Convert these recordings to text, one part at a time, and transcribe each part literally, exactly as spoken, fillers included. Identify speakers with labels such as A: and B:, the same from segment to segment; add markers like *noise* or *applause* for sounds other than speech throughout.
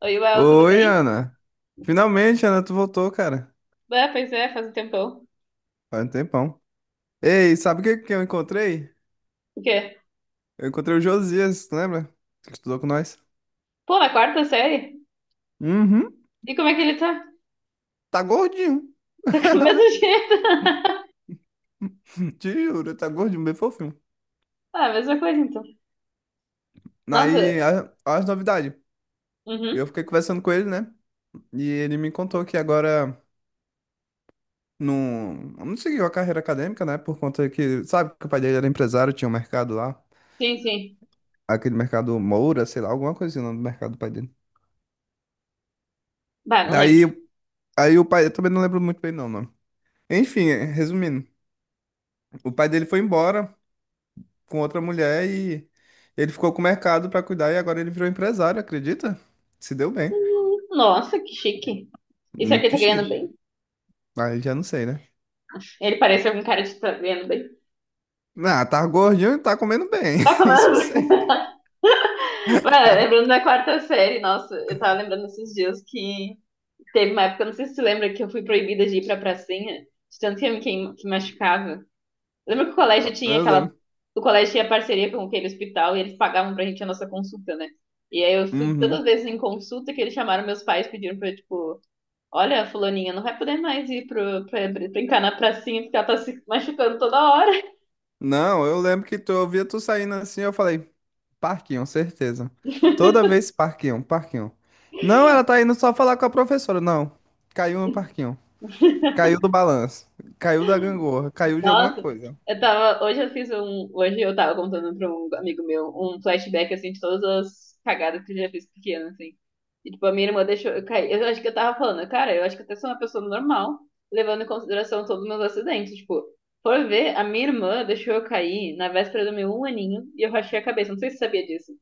A: Oi, Uel, tudo
B: Oi,
A: bem?
B: Ana. Finalmente, Ana, tu voltou, cara.
A: Ah, pois é, faz um tempão.
B: Faz um tempão. Ei, sabe o que que eu encontrei?
A: O quê?
B: Eu encontrei o Josias, tu lembra? Que estudou com nós.
A: Pô, na quarta série?
B: Uhum.
A: E como é que ele tá? *laughs*
B: Tá gordinho.
A: Tá com o mesmo
B: *laughs*
A: jeito?
B: Te juro, tá gordinho, bem fofinho.
A: *laughs* Ah, mesma coisa então.
B: Aí,
A: Nossa,
B: a- as novidades. Eu
A: uhum,
B: fiquei conversando com ele, né? E ele me contou que agora não, não seguiu a carreira acadêmica, né? Por conta que, sabe, que o pai dele era empresário, tinha um mercado lá.
A: sim, sim.
B: Aquele mercado Moura, sei lá, alguma coisa assim, o nome do mercado do pai dele.
A: Bah, não lembro.
B: Aí, aí o pai, eu também não lembro muito bem não. Enfim, eh, resumindo, o pai dele foi embora com outra mulher e ele ficou com o mercado pra cuidar e agora ele virou empresário, acredita? Se deu bem.
A: Hum, Nossa, que chique. Isso aqui
B: Muito
A: tá ganhando
B: chique.
A: bem?
B: Aí já não sei, né?
A: Ele parece algum cara de tá ganhando bem.
B: Ah, tá gordinho e tá comendo bem.
A: Tá
B: *laughs* Isso eu
A: comendo
B: sei.
A: bem. *laughs* Bah, lembrando da quarta série, nossa, eu tava lembrando esses dias que teve uma época, não sei se você lembra, que eu fui proibida de ir pra pracinha, de tanto que eu me queim- que machucava. Lembra que o colégio tinha
B: Eu
A: aquela.
B: lembro.
A: O colégio tinha parceria com aquele hospital e eles pagavam pra gente a nossa consulta, né? E aí eu fui todas as
B: Uhum.
A: vezes em consulta que eles chamaram meus pais, pediram pra eu, tipo, olha, fulaninha, não vai poder mais ir pro, pra, pra brincar na pracinha porque ela tá se machucando toda hora.
B: Não, eu lembro que tu, eu via tu saindo assim, eu falei, Parquinho, certeza. Toda vez Parquinho, Parquinho. Não, ela tá indo só falar com a professora, não. Caiu no Parquinho. Caiu do balanço. Caiu da gangorra. Caiu de alguma
A: Nossa,
B: coisa.
A: eu tava. Hoje eu fiz um. Hoje eu tava contando pra um amigo meu um flashback assim de todas as cagadas que eu já fiz pequena, assim. E tipo, a minha irmã deixou eu cair. Eu acho que eu tava falando, cara, eu acho que até sou uma pessoa normal, levando em consideração todos os meus acidentes. Tipo, por ver, a minha irmã deixou eu cair na véspera do meu um aninho e eu rachei a cabeça. Não sei se você sabia disso.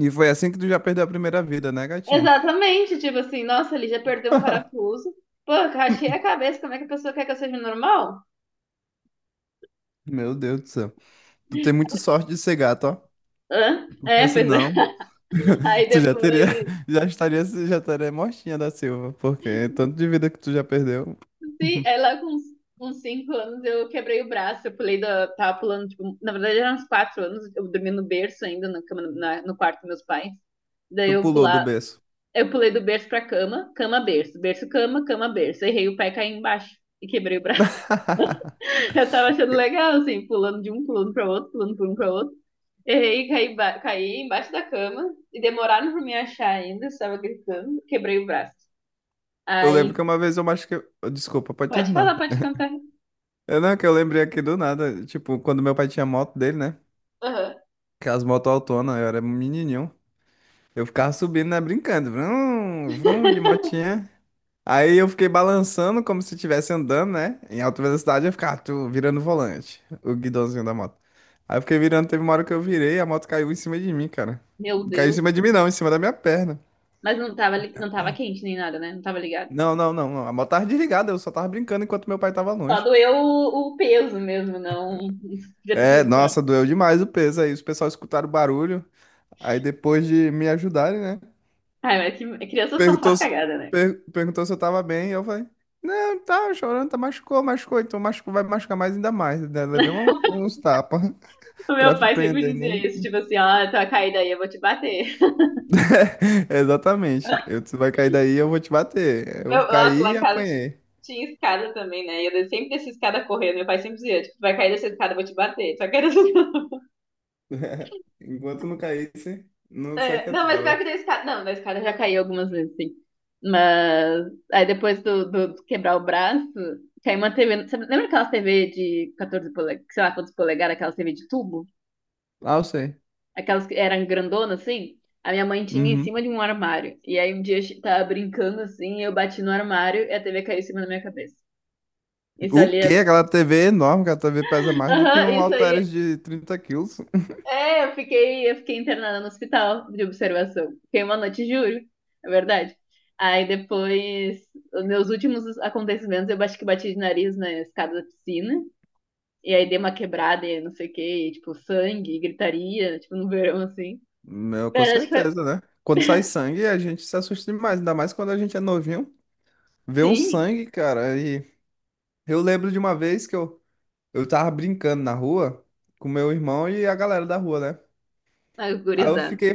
B: E foi assim que tu já perdeu a primeira vida, né, gatinha?
A: Exatamente, tipo assim, nossa, ali já perdeu um
B: *laughs*
A: parafuso. Pô, eu rachei a cabeça, como é que a pessoa quer que eu seja normal?
B: Meu Deus do céu. Tu tem muito sorte de ser gato, ó.
A: Hã?
B: Porque
A: É, pois é.
B: senão,
A: *laughs*
B: *laughs*
A: Aí
B: tu já teria,
A: depois.
B: *laughs* já estaria, já estaria mortinha da Silva. Porque tanto de vida que tu já perdeu.
A: Sim, aí
B: *laughs*
A: lá com uns, uns cinco anos eu quebrei o braço, eu pulei da. Tava pulando, tipo, na verdade eram uns quatro anos, eu dormi no berço ainda, na cama, na- no quarto dos meus pais. Daí
B: Tu
A: eu
B: pulou do
A: pular,
B: berço.
A: eu pulei do berço pra cama, cama, berço, berço, cama, cama, berço. Errei o pé e caí embaixo e quebrei o braço.
B: *laughs*
A: *laughs* Eu tava achando legal, assim, pulando de um, pulando pra outro, pulando por um pra outro. Errei, caí, ba- caí embaixo da cama e demoraram pra me achar ainda, eu estava gritando, quebrei o braço.
B: Eu lembro
A: Aí,
B: que uma vez eu machuquei. Desculpa, pode
A: pode
B: terminar.
A: falar, pode cantar.
B: Eu não, é que eu lembrei aqui do nada. Tipo, quando meu pai tinha moto dele, né?
A: Aham.
B: Aquelas motos autonas, eu era menininho. Eu ficava subindo, né? Brincando. Vrum, vrum, de
A: *laughs*
B: motinha. Aí eu fiquei balançando como se estivesse andando, né? Em alta velocidade eu ficava tu, virando o volante, o guidãozinho da moto. Aí eu fiquei virando, teve uma hora que eu virei, a moto caiu em cima de mim, cara.
A: Meu
B: Caiu em
A: Deus.
B: cima de mim não, em cima da minha perna.
A: Mas não tava, li- não tava quente nem nada, né? Não tava ligado.
B: Não, não, não, não. A moto tava desligada, eu só tava brincando enquanto meu pai tava
A: Só
B: longe.
A: doeu o, o peso mesmo, não. *laughs* Podia ter
B: É,
A: sido pior.
B: nossa, doeu demais o peso aí. Os pessoal escutaram o barulho. Aí depois de me ajudarem, né?
A: Ai, mas que, é criança só
B: Perguntou,
A: faz
B: se-
A: cagada, né?
B: per- perguntou se eu tava bem, eu falei, não, tá chorando, tá machucou, machucou, então machucou, vai machucar mais ainda mais, né? Levei um-
A: *laughs*
B: uns tapas *laughs*
A: O
B: pra
A: meu pai sempre
B: prender,
A: dizia
B: né?
A: isso, tipo assim, ó, tua caída aí, eu vou te bater.
B: *laughs* Exatamente.
A: *laughs*
B: Eu, tu vai cair daí, eu vou te bater. Eu
A: Meu, nossa,
B: caí
A: lá
B: e
A: em casa t-
B: apanhei.
A: tinha escada também, né? E eu sempre descia escada correndo. Meu pai sempre dizia, tipo, vai cair dessa escada, eu vou te bater. Só que era assim. *laughs*
B: *laughs* Enquanto não caísse, não se
A: É, não, mas pior
B: aquietava.
A: que da escada. Não, da escada eu já caiu algumas vezes, sim. Mas aí depois do, do- do quebrar o braço, caiu uma tê vê. sabe- Lembra aquelas tê vê de catorze polegadas, sei lá quantos polegadas, aquelas tê vê de tubo?
B: Ah, eu sei.
A: Aquelas que eram grandonas, assim? A minha mãe tinha em
B: Uhum.
A: cima de um armário. E aí um dia eu tava brincando assim, eu bati no armário e a tê vê caiu em cima da minha cabeça. Isso
B: O
A: ali
B: quê?
A: é...
B: Aquela T V é enorme, aquela T V pesa
A: *laughs*
B: mais do que
A: Aham,
B: um
A: isso
B: halteres
A: aí
B: de trinta quilos.
A: é, eu fiquei, eu fiquei internada no hospital de observação. Fiquei uma noite, juro. É verdade. Aí depois, os meus últimos acontecimentos, eu acho que bati de nariz na escada da piscina. E aí dei uma quebrada e não sei o que, tipo, sangue, gritaria, tipo, no verão, assim.
B: *laughs* Meu, com
A: Mas acho que foi...
B: certeza, né? Quando sai sangue, a gente se assusta demais, ainda mais quando a gente é novinho. Ver um
A: Sim,
B: sangue, cara. E eu lembro de uma vez que eu, eu tava brincando na rua com meu irmão e a galera da rua, né?
A: ah,
B: Aí eu
A: gurizada.
B: fiquei,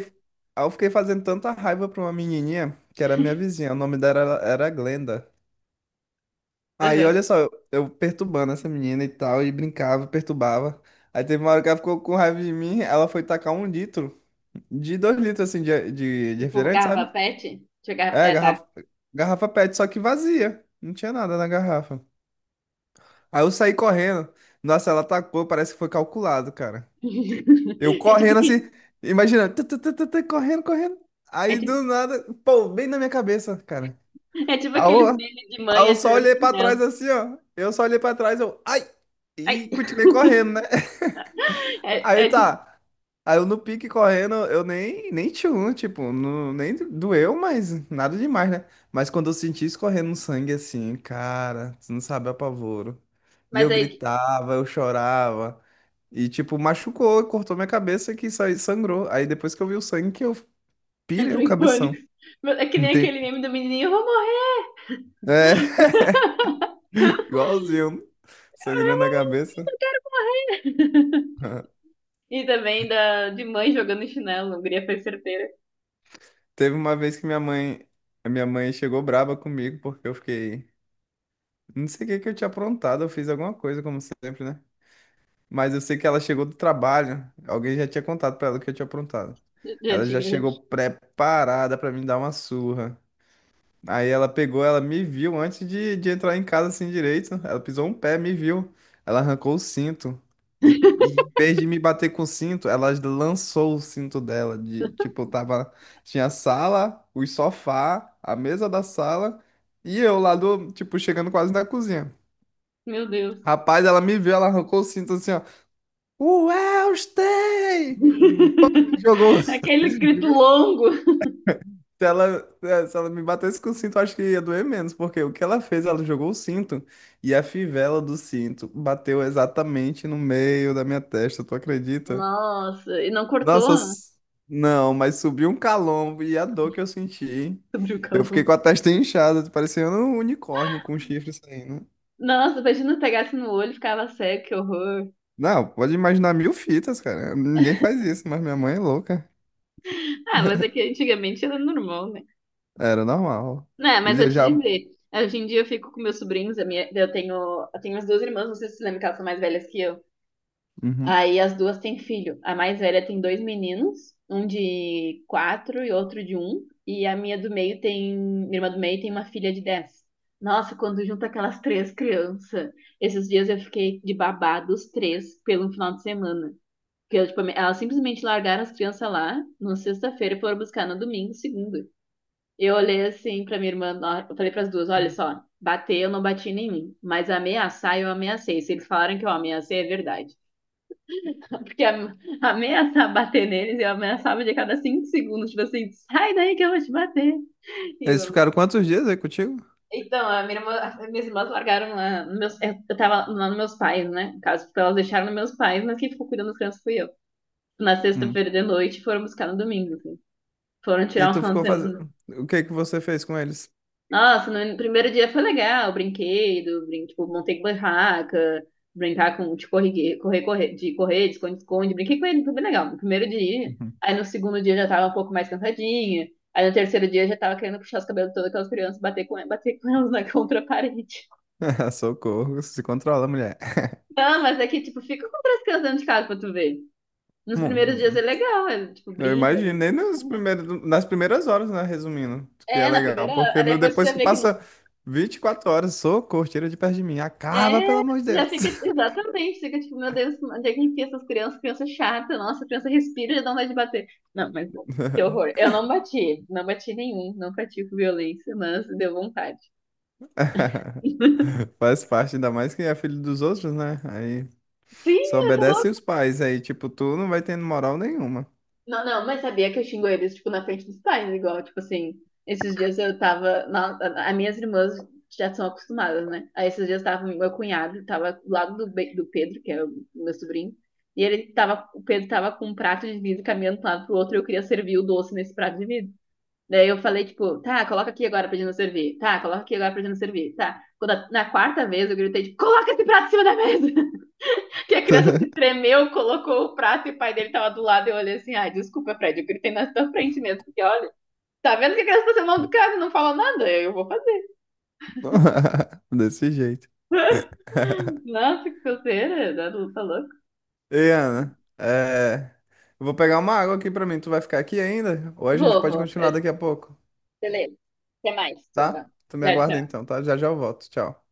B: aí eu fiquei fazendo tanta raiva pra uma menininha que era minha vizinha. O nome dela era, era Glenda. Aí
A: Aham.
B: olha só, eu, eu perturbando essa menina e tal, e brincava, perturbava. Aí teve uma hora que ela ficou com raiva de mim, ela foi tacar um litro, de dois litros assim, de, de, de
A: Tipo,
B: refrigerante, sabe?
A: garrafa pet? Jogava...
B: É,
A: É, tá.
B: garrafa, garrafa PET, só que vazia. Não tinha nada na garrafa. Aí eu saí correndo. Nossa, ela atacou, parece que foi calculado, cara. Eu
A: *laughs* É tipo,
B: correndo assim,
A: que-
B: imagina, tu, tu, tu, tu, tu, correndo, correndo.
A: é
B: Aí
A: tipo,
B: do nada, pô, bem na minha cabeça, cara.
A: é tipo
B: Aí eu,
A: aqueles memes de
B: aí
A: mãe
B: eu só
A: atirando
B: olhei pra
A: chinelo.
B: trás assim, ó. Eu só olhei pra trás, eu, ai!
A: Ai.
B: E continuei correndo, né?
A: *laughs*
B: Aí
A: É, é tipo.
B: tá. Aí eu no pique correndo, eu nem, nem tchum, tipo, não, nem doeu, mas nada demais, né? Mas quando eu senti escorrendo um sangue assim, cara, você não sabe o apavoro. E
A: Mas
B: eu
A: aí
B: gritava, eu chorava. E tipo, machucou, cortou minha cabeça que isso sangrou. Aí depois que eu vi o sangue que eu pirei
A: entrou
B: o
A: em
B: cabeção.
A: pânico. É que
B: Não
A: nem
B: tem.
A: aquele meme do menininho, eu vou morrer!
B: É, *laughs*
A: *laughs*
B: igualzinho, sangrando a
A: Eu
B: cabeça.
A: vou morrer! E também da, de mãe jogando chinelo, a guria foi certeira.
B: Teve uma vez que minha mãe, minha mãe chegou braba comigo porque eu fiquei Não sei o que que eu tinha aprontado, eu fiz alguma coisa, como sempre, né? Mas eu sei que ela chegou do trabalho, alguém já tinha contado pra ela o que eu tinha aprontado.
A: Já
B: Ela já
A: tinha, já.
B: chegou preparada pra me dar uma surra. Aí ela pegou, ela me viu antes de, de entrar em casa assim direito. Ela pisou um pé, me viu. Ela arrancou o cinto. E,
A: *laughs*
B: e em vez de me bater com o cinto, ela lançou o cinto dela. De, tipo, eu tava. Tinha a sala, o sofá, a mesa da sala e eu lá do, tipo, chegando quase na cozinha.
A: Meu Deus.
B: Rapaz, ela me viu, ela arrancou o cinto assim, ó. Welstey! Pô, jogou.
A: Aquele grito
B: *laughs*
A: longo.
B: Se ela, eh, se ela me batesse com o cinto, eu acho que ia doer menos, porque o que ela fez, ela jogou o cinto e a fivela do cinto bateu exatamente no meio da minha testa, tu acredita?
A: Nossa, e não cortou,
B: Nossa,
A: né?
B: s- não, mas subiu um calombo e a dor que eu senti.
A: Sobre o
B: Eu fiquei
A: calor.
B: com a testa inchada, parecendo um unicórnio com um chifre saindo.
A: Nossa, imagina pegasse no olho e ficava cego, que horror.
B: Não, pode imaginar mil fitas, cara. Ninguém faz isso, mas minha mãe é louca.
A: Ah, mas é que antigamente era normal, né?
B: Era normal.
A: Né, mas eu
B: Eles
A: te
B: já.
A: dizer, hoje em dia eu fico com meus sobrinhos, a minha, eu tenho, eu tenho as duas irmãs, não sei se você lembra que elas são mais velhas que eu.
B: Uhum.
A: Aí as duas têm filho. A mais velha tem dois meninos, um de quatro e outro de um. E a minha do meio tem, minha irmã do meio tem uma filha de dez. Nossa, quando junta aquelas três crianças, esses dias eu fiquei de babá dos três pelo final de semana. Porque eu, tipo, elas simplesmente largaram as crianças lá na sexta-feira e foram buscar no domingo, segunda. Eu olhei assim pra minha irmã, na- eu falei pras duas, olha só, bater eu não bati em mim, mas ameaçar eu ameacei. Se eles falaram que eu ameacei, é verdade. *laughs* Porque am- ameaçar bater neles, eu ameaçava de cada cinco segundos, tipo assim, sai daí que eu vou te bater. E
B: Eles
A: eu-
B: ficaram quantos dias aí contigo?
A: Então, a minha irmã, as minhas irmãs largaram lá, nos meus, eu eu tava lá nos meus pais, né? No caso, tipo, elas deixaram nos meus pais, mas quem ficou cuidando das crianças fui eu. Na
B: Hum.
A: sexta-feira de noite, foram buscar no domingo, assim. Foram
B: E
A: tirar um
B: tu
A: final de
B: ficou fazendo.
A: semana.
B: O que que você fez com eles?
A: Nossa, no primeiro dia foi legal, brinquedo, brin tipo, montei barraca, brincar com, tipo correr, correr, correr, de correr, de esconde-esconde, brinquei com ele, foi bem legal no primeiro dia.
B: Uhum.
A: Aí no segundo dia já tava um pouco mais cansadinha. Aí no terceiro dia já tava querendo puxar os cabelos de todas aquelas crianças, e bater com, bater com elas *laughs* na contra a parede.
B: *laughs* Socorro, se controla, mulher.
A: Não, mas é que, tipo, fica com três crianças dentro de casa pra tu ver. Nos
B: Hum,
A: primeiros dias é
B: hum.
A: legal, é, tipo,
B: eu
A: brinca.
B: imagino,
A: Ali.
B: nem nos primeiros, nas primeiras horas, né? Resumindo, que é
A: É, na
B: legal,
A: primeira,
B: porque
A: aí
B: no,
A: depois você já
B: depois que
A: vê que
B: passa vinte e quatro horas, socorro, tira de perto de mim, acaba, pelo
A: é,
B: amor de
A: tu já
B: Deus.
A: fica, tipo, exatamente, fica tipo, meu Deus, onde é que enfia essas crianças? Criança chata, nossa, criança respira e já dá vontade de bater. Não, mas que
B: *laughs*
A: horror. Eu não bati, não bati nenhum, não pratico violência, mas deu vontade. *laughs*
B: Faz parte, ainda mais que é filho dos outros, né? Aí
A: Sim,
B: só
A: eu
B: obedece os
A: tô.
B: pais, aí, tipo, tu não vai tendo moral nenhuma.
A: Não, não, mas sabia que eu xingo eles, tipo, na frente dos pais, igual, tipo assim, esses dias eu tava, na, a- as minhas irmãs já são acostumadas, né? Aí esses dias tava meu cunhado, tava do lado do, Be- do Pedro, que era o meu sobrinho, e ele tava, o Pedro tava com um prato de vidro caminhando de um lado pro outro e eu queria servir o doce nesse prato de vidro. Daí eu falei, tipo, tá, coloca aqui agora pra gente não servir, tá, coloca aqui agora pra gente não servir, tá. Quando a- na quarta vez eu gritei, tipo, coloca esse prato em cima da mesa! Que a criança
B: *laughs*
A: se tremeu, colocou o prato e o pai dele tava do lado. E eu olhei assim, ai, desculpa, Fred, eu gritei na tua frente mesmo, porque olha, tá vendo que a criança tá sendo mal educada e não fala nada? Eu vou fazer.
B: *laughs* Desse jeito. *laughs*
A: Nossa, que coceira, tá louco.
B: Ei, Ana, é... eu vou pegar uma água aqui pra mim. Tu vai ficar aqui ainda? Ou a gente
A: Vou,
B: pode
A: vou.
B: continuar
A: Eu-
B: daqui a pouco,
A: Beleza. Até mais. Tchau,
B: tá? Tu me aguarda
A: tchau.
B: então, tá? Já já eu volto. Tchau.